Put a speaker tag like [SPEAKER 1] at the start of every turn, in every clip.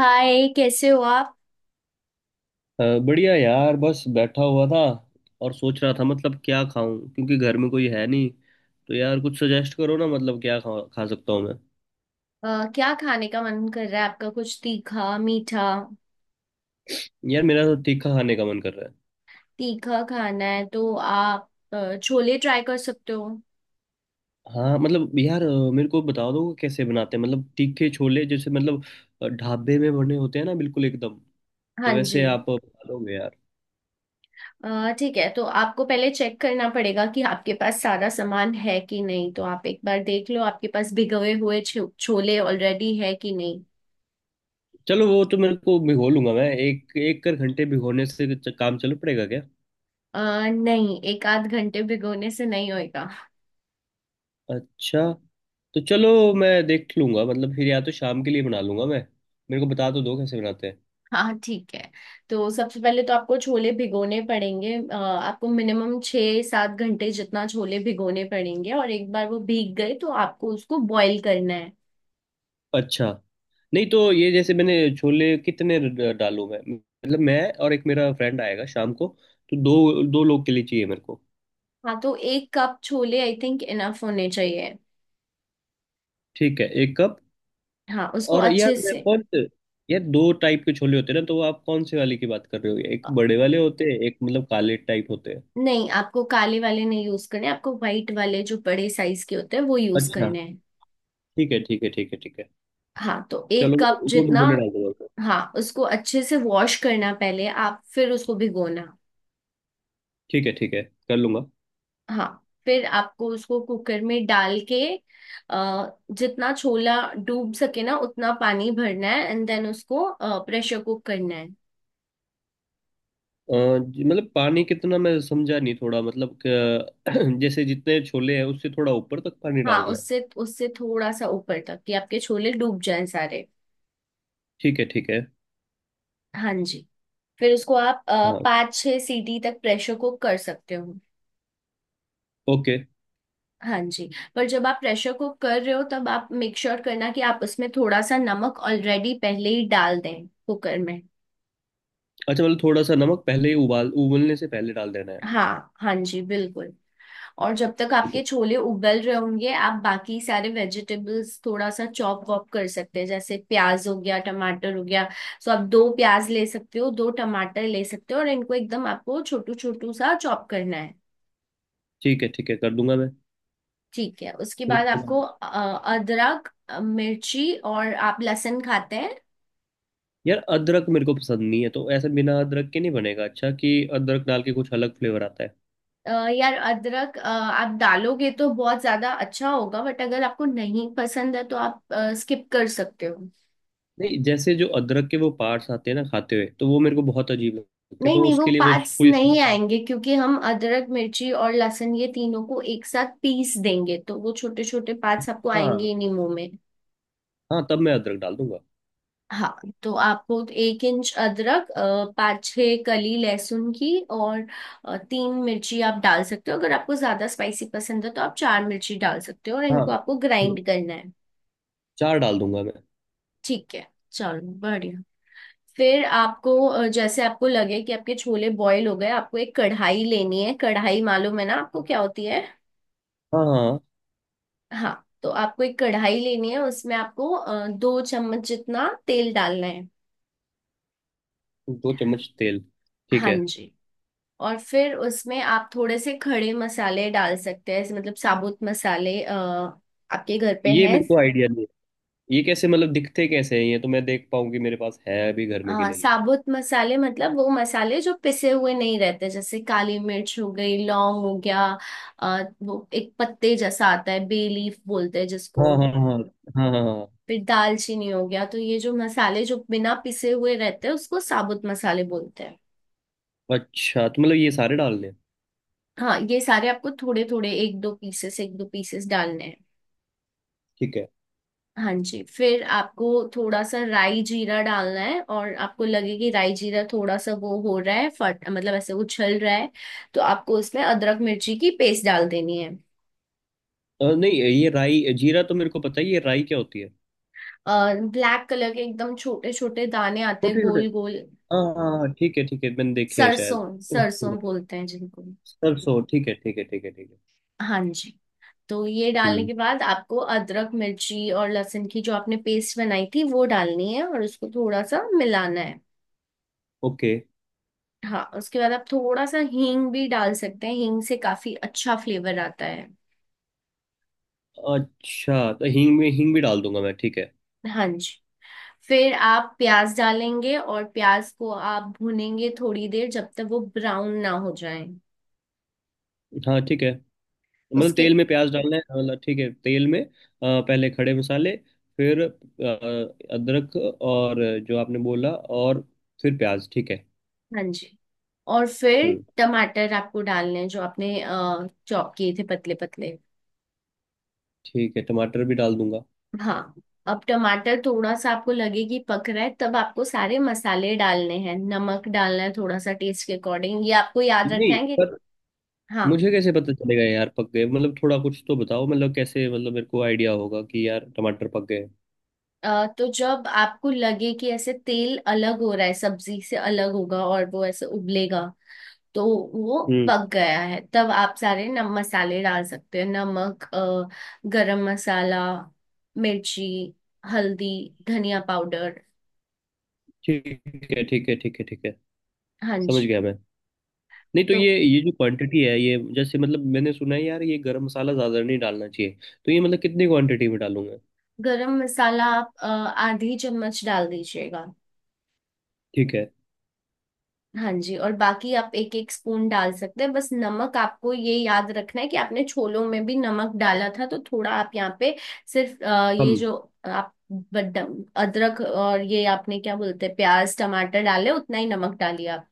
[SPEAKER 1] हाय, कैसे हो आप?
[SPEAKER 2] बढ़िया यार, बस बैठा हुआ था और सोच रहा था, मतलब क्या खाऊं, क्योंकि घर में कोई है नहीं। तो यार, कुछ सजेस्ट करो ना, मतलब क्या खा खा सकता हूँ मैं।
[SPEAKER 1] अ, क्या खाने का मन कर रहा है आपका? कुछ तीखा मीठा?
[SPEAKER 2] यार, मेरा तो तीखा खाने का मन कर रहा है।
[SPEAKER 1] तीखा खाना है तो आप छोले ट्राई कर सकते हो।
[SPEAKER 2] हाँ मतलब यार, मेरे को बता दो कैसे बनाते हैं, मतलब तीखे छोले, जैसे मतलब ढाबे में बने होते हैं ना, बिल्कुल एकदम। तो
[SPEAKER 1] हाँ
[SPEAKER 2] वैसे
[SPEAKER 1] जी।
[SPEAKER 2] आप बता दोगे यार।
[SPEAKER 1] ठीक है, तो आपको पहले चेक करना पड़ेगा कि आपके पास सारा सामान है कि नहीं। तो आप एक बार देख लो आपके पास भिगोए हुए छोले ऑलरेडी है कि नहीं।
[SPEAKER 2] चलो, वो तो मेरे को भिगो लूंगा मैं। एक एक कर घंटे भिगोने से काम चल पड़ेगा क्या?
[SPEAKER 1] अ, नहीं, एक आध घंटे भिगोने से नहीं होएगा।
[SPEAKER 2] अच्छा। तो चलो, मैं देख लूंगा, मतलब फिर या तो शाम के लिए बना लूंगा मैं। मेरे को बता तो दो कैसे बनाते हैं।
[SPEAKER 1] हाँ, ठीक है। तो सबसे पहले तो आपको छोले भिगोने पड़ेंगे। आपको मिनिमम 6-7 घंटे जितना छोले भिगोने पड़ेंगे और एक बार वो भीग गए तो आपको उसको बॉईल करना है।
[SPEAKER 2] अच्छा। नहीं, तो ये जैसे मैंने छोले कितने डालूं मैं, मतलब मैं। और एक मेरा फ्रेंड आएगा शाम को। तो दो दो लोग के लिए चाहिए मेरे को।
[SPEAKER 1] हाँ, तो 1 कप छोले आई थिंक इनफ होने चाहिए।
[SPEAKER 2] ठीक है, एक कप।
[SPEAKER 1] हाँ, उसको
[SPEAKER 2] और यार
[SPEAKER 1] अच्छे
[SPEAKER 2] मैं
[SPEAKER 1] से।
[SPEAKER 2] कौन से। यार, दो टाइप के छोले होते हैं ना, तो आप कौन से वाले की बात कर रहे हो? एक बड़े वाले होते हैं, एक मतलब काले टाइप होते हैं।
[SPEAKER 1] नहीं, आपको काले वाले नहीं यूज करने, आपको व्हाइट वाले जो बड़े साइज के होते हैं वो यूज
[SPEAKER 2] अच्छा।
[SPEAKER 1] करने हैं।
[SPEAKER 2] ठीक है, ठीक है, ठीक है, ठीक है।
[SPEAKER 1] हाँ, तो एक
[SPEAKER 2] चलो,
[SPEAKER 1] कप
[SPEAKER 2] वो भी
[SPEAKER 1] जितना
[SPEAKER 2] मैंने डाल दूंगा उसमें।
[SPEAKER 1] हाँ, उसको अच्छे से वॉश करना पहले आप, फिर उसको भिगोना।
[SPEAKER 2] ठीक है, ठीक है, कर लूंगा।
[SPEAKER 1] हाँ, फिर आपको उसको कुकर में डाल के अ, जितना छोला डूब सके ना उतना पानी भरना है, एंड देन उसको प्रेशर कुक करना है।
[SPEAKER 2] जी, मतलब पानी कितना मैं समझा नहीं, थोड़ा मतलब जैसे जितने छोले हैं उससे थोड़ा ऊपर तक पानी
[SPEAKER 1] हाँ,
[SPEAKER 2] डालना है।
[SPEAKER 1] उससे उससे थोड़ा सा ऊपर तक कि आपके छोले डूब जाएं सारे।
[SPEAKER 2] ठीक है, ठीक है।
[SPEAKER 1] हाँ जी। फिर उसको आप
[SPEAKER 2] हाँ।
[SPEAKER 1] 5-6 सीटी तक प्रेशर कुक कर सकते हो।
[SPEAKER 2] ओके।
[SPEAKER 1] हाँ जी। पर जब आप प्रेशर कुक कर रहे हो तब आप मेक श्योर करना कि आप उसमें थोड़ा सा नमक ऑलरेडी पहले ही डाल दें कुकर में।
[SPEAKER 2] अच्छा, मतलब थोड़ा सा नमक पहले ही उबाल उबलने से पहले डाल देना है।
[SPEAKER 1] हाँ हाँ जी, बिल्कुल। और जब तक
[SPEAKER 2] ठीक
[SPEAKER 1] आपके
[SPEAKER 2] है,
[SPEAKER 1] छोले उबल रहे होंगे आप बाकी सारे वेजिटेबल्स थोड़ा सा चॉप वॉप कर सकते हैं, जैसे प्याज हो गया, टमाटर हो गया। सो आप दो प्याज ले सकते हो, दो टमाटर ले सकते हो और इनको एकदम आपको छोटू छोटू सा चॉप करना है।
[SPEAKER 2] ठीक है, ठीक है, कर दूंगा मैं।
[SPEAKER 1] ठीक है, उसके
[SPEAKER 2] फिर
[SPEAKER 1] बाद
[SPEAKER 2] उसके बाद।
[SPEAKER 1] आपको अदरक, मिर्ची और आप लहसुन खाते हैं?
[SPEAKER 2] यार, अदरक मेरे को पसंद नहीं है, तो ऐसे बिना अदरक के नहीं बनेगा? अच्छा, कि अदरक डाल के कुछ अलग फ्लेवर आता है।
[SPEAKER 1] यार अदरक आप डालोगे तो बहुत ज्यादा अच्छा होगा, बट अगर आपको नहीं पसंद है तो आप स्किप कर सकते हो।
[SPEAKER 2] नहीं, जैसे जो अदरक के वो पार्ट्स आते हैं ना खाते हुए, तो वो मेरे को बहुत अजीब लगते हैं,
[SPEAKER 1] नहीं
[SPEAKER 2] तो
[SPEAKER 1] नहीं, वो
[SPEAKER 2] उसके लिए कुछ
[SPEAKER 1] पार्ट्स
[SPEAKER 2] कोई।
[SPEAKER 1] नहीं आएंगे क्योंकि हम अदरक मिर्ची और लहसुन, ये तीनों को एक साथ पीस देंगे, तो वो छोटे छोटे पार्ट्स आपको आएंगे
[SPEAKER 2] हाँ।
[SPEAKER 1] ही नहीं मुंह में।
[SPEAKER 2] हाँ, तब मैं अदरक डाल दूंगा।
[SPEAKER 1] हाँ, तो आपको 1 इंच अदरक, पाँच छः कली लहसुन की और तीन मिर्ची आप डाल सकते हो। अगर आपको ज्यादा स्पाइसी पसंद है तो आप चार मिर्ची डाल सकते हो और
[SPEAKER 2] हाँ,
[SPEAKER 1] इनको आपको ग्राइंड करना है।
[SPEAKER 2] चार डाल दूंगा मैं।
[SPEAKER 1] ठीक है, चलो बढ़िया। फिर आपको जैसे आपको लगे कि आपके छोले बॉईल हो गए, आपको एक कढ़ाई लेनी है। कढ़ाई मालूम है ना आपको क्या होती है?
[SPEAKER 2] हाँ, हाँ, हाँ।
[SPEAKER 1] हाँ, तो आपको एक कढ़ाई लेनी है, उसमें आपको 2 चम्मच जितना तेल डालना है।
[SPEAKER 2] दो चम्मच तेल। ठीक
[SPEAKER 1] हाँ
[SPEAKER 2] है।
[SPEAKER 1] जी। और फिर उसमें आप थोड़े से खड़े मसाले डाल सकते हैं, ऐसे मतलब साबुत मसाले। आपके घर पे
[SPEAKER 2] ये
[SPEAKER 1] हैं?
[SPEAKER 2] मेरे को आइडिया नहीं है। ये कैसे, मतलब दिखते कैसे हैं ये, तो मैं देख पाऊँ कि मेरे पास है अभी घर में कि
[SPEAKER 1] हाँ,
[SPEAKER 2] नहीं।
[SPEAKER 1] साबुत मसाले मतलब वो मसाले जो पिसे हुए नहीं रहते, जैसे काली मिर्च हो गई, लौंग हो गया, वो एक पत्ते जैसा आता है, बे लीफ बोलते हैं जिसको।
[SPEAKER 2] हाँ, हाँ, हाँ। हाँ, हाँ, हाँ।
[SPEAKER 1] फिर दालचीनी हो गया। तो ये जो मसाले जो बिना पिसे हुए रहते हैं उसको साबुत मसाले बोलते हैं।
[SPEAKER 2] अच्छा, तो मतलब ये सारे डालने हैं।
[SPEAKER 1] हाँ, ये सारे आपको थोड़े थोड़े एक दो पीसेस डालने हैं।
[SPEAKER 2] ठीक है।
[SPEAKER 1] हाँ जी। फिर आपको थोड़ा सा राई जीरा डालना है और आपको लगे कि राई जीरा थोड़ा सा वो हो रहा है फट, मतलब ऐसे उछल रहा है, तो आपको इसमें अदरक मिर्ची की पेस्ट डाल देनी है।
[SPEAKER 2] नहीं, ये राई जीरा तो मेरे को पता है, ये राई क्या होती है?
[SPEAKER 1] और ब्लैक कलर के एकदम छोटे छोटे दाने आते हैं,
[SPEAKER 2] छोटे छोटे।
[SPEAKER 1] गोल गोल।
[SPEAKER 2] हाँ, हाँ, हाँ, ठीक है, ठीक है, मैंने देखे हैं शायद।
[SPEAKER 1] सरसों, सरसों बोलते हैं जिनको।
[SPEAKER 2] सरसों, ठीक है, ठीक है, ठीक है, ठीक है।
[SPEAKER 1] हाँ जी। तो ये डालने
[SPEAKER 2] हम्म।
[SPEAKER 1] के बाद आपको अदरक मिर्ची और लहसुन की जो आपने पेस्ट बनाई थी वो डालनी है और उसको थोड़ा सा मिलाना है।
[SPEAKER 2] ओके।
[SPEAKER 1] हाँ, उसके बाद आप थोड़ा सा हींग भी डाल सकते हैं। हींग से काफी अच्छा फ्लेवर आता है।
[SPEAKER 2] अच्छा, तो हींग में हींग भी डाल दूंगा मैं, ठीक है।
[SPEAKER 1] हाँ जी। फिर आप प्याज डालेंगे और प्याज को आप भूनेंगे थोड़ी देर, जब तक वो ब्राउन ना हो जाए।
[SPEAKER 2] हाँ, ठीक है, मतलब तेल
[SPEAKER 1] उसके
[SPEAKER 2] में प्याज डालना है, मतलब ठीक है, तेल में पहले खड़े मसाले, फिर अदरक और जो आपने बोला, और फिर प्याज, ठीक है।
[SPEAKER 1] हाँ जी, और फिर
[SPEAKER 2] हम्म।
[SPEAKER 1] टमाटर आपको डालने हैं जो आपने चॉप किए थे, पतले पतले।
[SPEAKER 2] ठीक है, टमाटर भी डाल दूंगा।
[SPEAKER 1] हाँ, अब टमाटर थोड़ा सा आपको लगे कि पक रहा है, तब आपको सारे मसाले डालने हैं, नमक डालना है थोड़ा सा टेस्ट के अकॉर्डिंग। ये आपको याद रखना
[SPEAKER 2] नहीं,
[SPEAKER 1] है कि
[SPEAKER 2] पर
[SPEAKER 1] हाँ,
[SPEAKER 2] मुझे कैसे पता चलेगा यार पक गए, मतलब थोड़ा कुछ तो बताओ, मतलब कैसे, मतलब मेरे को आइडिया होगा कि यार टमाटर पक गए।
[SPEAKER 1] तो जब आपको लगे कि ऐसे तेल अलग हो रहा है, सब्जी से अलग होगा और वो ऐसे उबलेगा, तो वो
[SPEAKER 2] हम्म,
[SPEAKER 1] पक गया है। तब आप सारे नम मसाले डाल सकते हैं, नमक, गरम मसाला, मिर्ची, हल्दी, धनिया पाउडर।
[SPEAKER 2] ठीक है, ठीक है, ठीक है, ठीक है,
[SPEAKER 1] हाँ
[SPEAKER 2] समझ
[SPEAKER 1] जी।
[SPEAKER 2] गया मैं। नहीं, तो
[SPEAKER 1] तो
[SPEAKER 2] ये जो क्वांटिटी है, ये जैसे मतलब मैंने सुना है यार, ये गरम मसाला ज्यादा नहीं डालना चाहिए, तो ये मतलब कितनी क्वांटिटी में डालूंगा?
[SPEAKER 1] गरम मसाला आप आधी चम्मच डाल दीजिएगा।
[SPEAKER 2] ठीक है।
[SPEAKER 1] हाँ जी। और बाकी आप एक एक स्पून डाल सकते हैं। बस नमक आपको ये याद रखना है कि आपने छोलों में भी नमक डाला था, तो थोड़ा आप यहाँ पे सिर्फ
[SPEAKER 2] कम।
[SPEAKER 1] ये जो आप बदम अदरक और ये आपने क्या बोलते हैं, प्याज टमाटर डाले उतना ही नमक डालिए आप।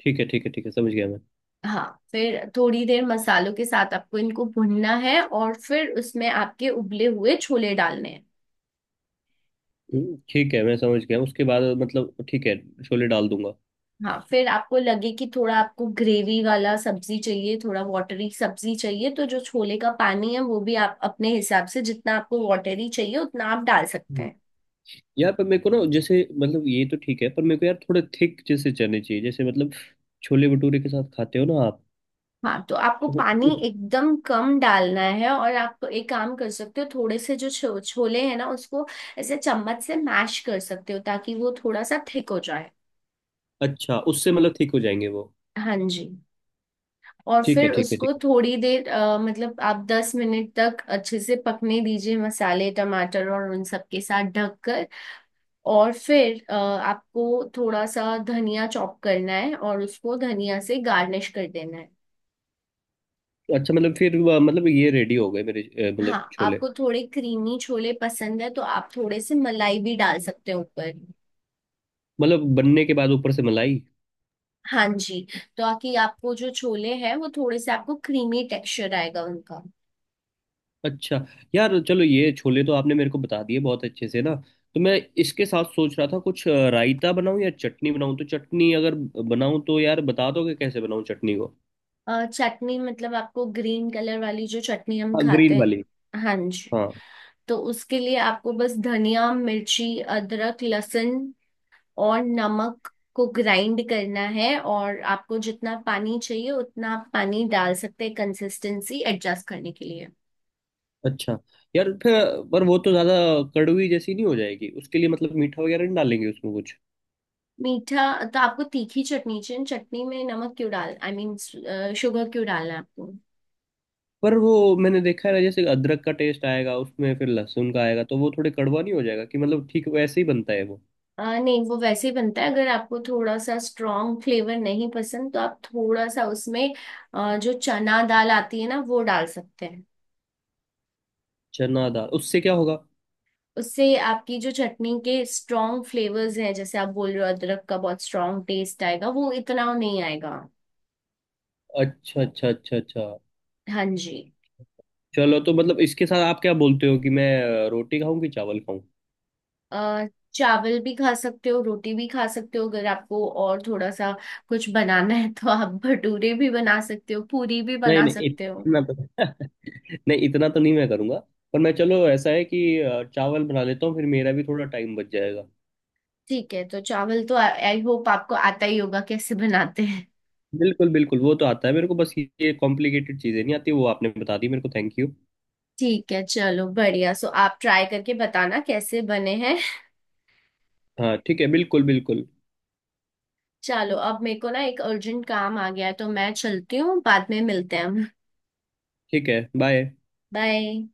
[SPEAKER 2] ठीक है, ठीक है, ठीक है, समझ गया मैं।
[SPEAKER 1] हाँ, फिर थोड़ी देर मसालों के साथ आपको इनको भुनना है और फिर उसमें आपके उबले हुए छोले डालने हैं।
[SPEAKER 2] ठीक है, मैं समझ गया, उसके बाद मतलब ठीक है, छोले डाल दूंगा।
[SPEAKER 1] हाँ, फिर आपको लगे कि थोड़ा आपको ग्रेवी वाला सब्जी चाहिए, थोड़ा वाटरी सब्जी चाहिए, तो जो छोले का पानी है वो भी आप अपने हिसाब से जितना आपको वाटरी चाहिए उतना आप डाल सकते
[SPEAKER 2] हम्म,
[SPEAKER 1] हैं।
[SPEAKER 2] यार, पर मेरे को ना, जैसे मतलब ये तो ठीक है, पर मेरे को यार थोड़े थिक जैसे चने चाहिए, जैसे मतलब छोले भटूरे के साथ खाते हो ना आप।
[SPEAKER 1] हाँ, तो आपको
[SPEAKER 2] तो
[SPEAKER 1] पानी
[SPEAKER 2] उ-
[SPEAKER 1] एकदम कम डालना है और आप एक काम कर सकते हो, थोड़े से जो छोले हैं ना उसको ऐसे चम्मच से मैश कर सकते हो ताकि वो थोड़ा सा थिक हो जाए।
[SPEAKER 2] अच्छा, उससे मतलब ठीक हो जाएंगे वो?
[SPEAKER 1] हाँ जी। और
[SPEAKER 2] ठीक है,
[SPEAKER 1] फिर
[SPEAKER 2] ठीक है,
[SPEAKER 1] उसको
[SPEAKER 2] ठीक।
[SPEAKER 1] थोड़ी देर, मतलब आप 10 मिनट तक अच्छे से पकने दीजिए, मसाले टमाटर और उन सब के साथ ढककर। और फिर आपको थोड़ा सा धनिया चॉप करना है और उसको धनिया से गार्निश कर देना है।
[SPEAKER 2] है अच्छा, मतलब फिर मतलब ये रेडी हो गए मेरे मतलब
[SPEAKER 1] हाँ,
[SPEAKER 2] छोले?
[SPEAKER 1] आपको थोड़े क्रीमी छोले पसंद है तो आप थोड़े से मलाई भी डाल सकते हो ऊपर।
[SPEAKER 2] मतलब बनने के बाद ऊपर से मलाई?
[SPEAKER 1] हाँ जी। तो आकि आपको जो छोले हैं, वो थोड़े से आपको क्रीमी टेक्सचर आएगा उनका।
[SPEAKER 2] अच्छा। यार चलो, ये छोले तो आपने मेरे को बता दिए बहुत अच्छे से ना, तो मैं इसके साथ सोच रहा था कुछ रायता बनाऊं या चटनी बनाऊं, तो चटनी अगर बनाऊं तो यार बता दोगे कैसे बनाऊं चटनी को?
[SPEAKER 1] चटनी मतलब आपको ग्रीन कलर वाली जो चटनी हम
[SPEAKER 2] हाँ,
[SPEAKER 1] खाते
[SPEAKER 2] ग्रीन वाली।
[SPEAKER 1] हैं? हाँ जी।
[SPEAKER 2] हाँ।
[SPEAKER 1] तो उसके लिए आपको बस धनिया, मिर्ची, अदरक, लहसुन और नमक को ग्राइंड करना है, और आपको जितना पानी चाहिए उतना आप पानी डाल सकते हैं कंसिस्टेंसी एडजस्ट करने के लिए।
[SPEAKER 2] अच्छा, यार फिर, पर वो तो ज़्यादा कड़वी जैसी नहीं हो जाएगी? उसके लिए मतलब मीठा वगैरह नहीं डालेंगे उसमें कुछ?
[SPEAKER 1] मीठा? तो आपको तीखी चटनी चाहिए, चटनी में नमक क्यों डाल, आई मीन शुगर क्यों डालना है आपको?
[SPEAKER 2] पर वो मैंने देखा है ना, जैसे अदरक का टेस्ट आएगा उसमें, फिर लहसुन का आएगा, तो वो थोड़े कड़वा नहीं हो जाएगा? कि मतलब ठीक वैसे ही बनता है वो।
[SPEAKER 1] नहीं, वो वैसे ही बनता है। अगर आपको थोड़ा सा स्ट्रॉन्ग फ्लेवर नहीं पसंद तो आप थोड़ा सा उसमें जो चना दाल आती है ना वो डाल सकते हैं।
[SPEAKER 2] चना दाल, उससे क्या होगा?
[SPEAKER 1] उससे आपकी जो चटनी के स्ट्रॉन्ग फ्लेवर्स हैं, जैसे आप बोल रहे हो अदरक का बहुत स्ट्रॉन्ग टेस्ट आएगा, वो इतना नहीं आएगा।
[SPEAKER 2] अच्छा, अच्छा, अच्छा, अच्छा।
[SPEAKER 1] हाँ जी।
[SPEAKER 2] चलो, तो मतलब इसके साथ आप क्या बोलते हो कि मैं रोटी खाऊं कि चावल खाऊं?
[SPEAKER 1] अ, चावल भी खा सकते हो, रोटी भी खा सकते हो। अगर आपको और थोड़ा सा कुछ बनाना है तो आप भटूरे भी बना सकते हो, पूरी भी
[SPEAKER 2] नहीं,
[SPEAKER 1] बना
[SPEAKER 2] नहीं,
[SPEAKER 1] सकते हो।
[SPEAKER 2] इतना तो नहीं, इतना तो नहीं मैं करूंगा। पर मैं चलो, ऐसा है कि चावल बना लेता हूँ, फिर मेरा भी थोड़ा टाइम बच जाएगा।
[SPEAKER 1] ठीक है, तो चावल तो आई होप आपको आता ही होगा कैसे बनाते हैं।
[SPEAKER 2] बिल्कुल, बिल्कुल, वो तो आता है मेरे को, बस ये कॉम्प्लिकेटेड चीज़ें नहीं आती, वो आपने बता दी मेरे को, थैंक यू।
[SPEAKER 1] ठीक है, चलो बढ़िया। सो आप ट्राई करके बताना कैसे बने हैं।
[SPEAKER 2] हाँ, ठीक है, बिल्कुल, बिल्कुल।
[SPEAKER 1] चलो, अब मेरे को ना एक अर्जेंट काम आ गया है तो मैं चलती हूँ, बाद में मिलते हैं हम।
[SPEAKER 2] ठीक है, बाय।
[SPEAKER 1] बाय।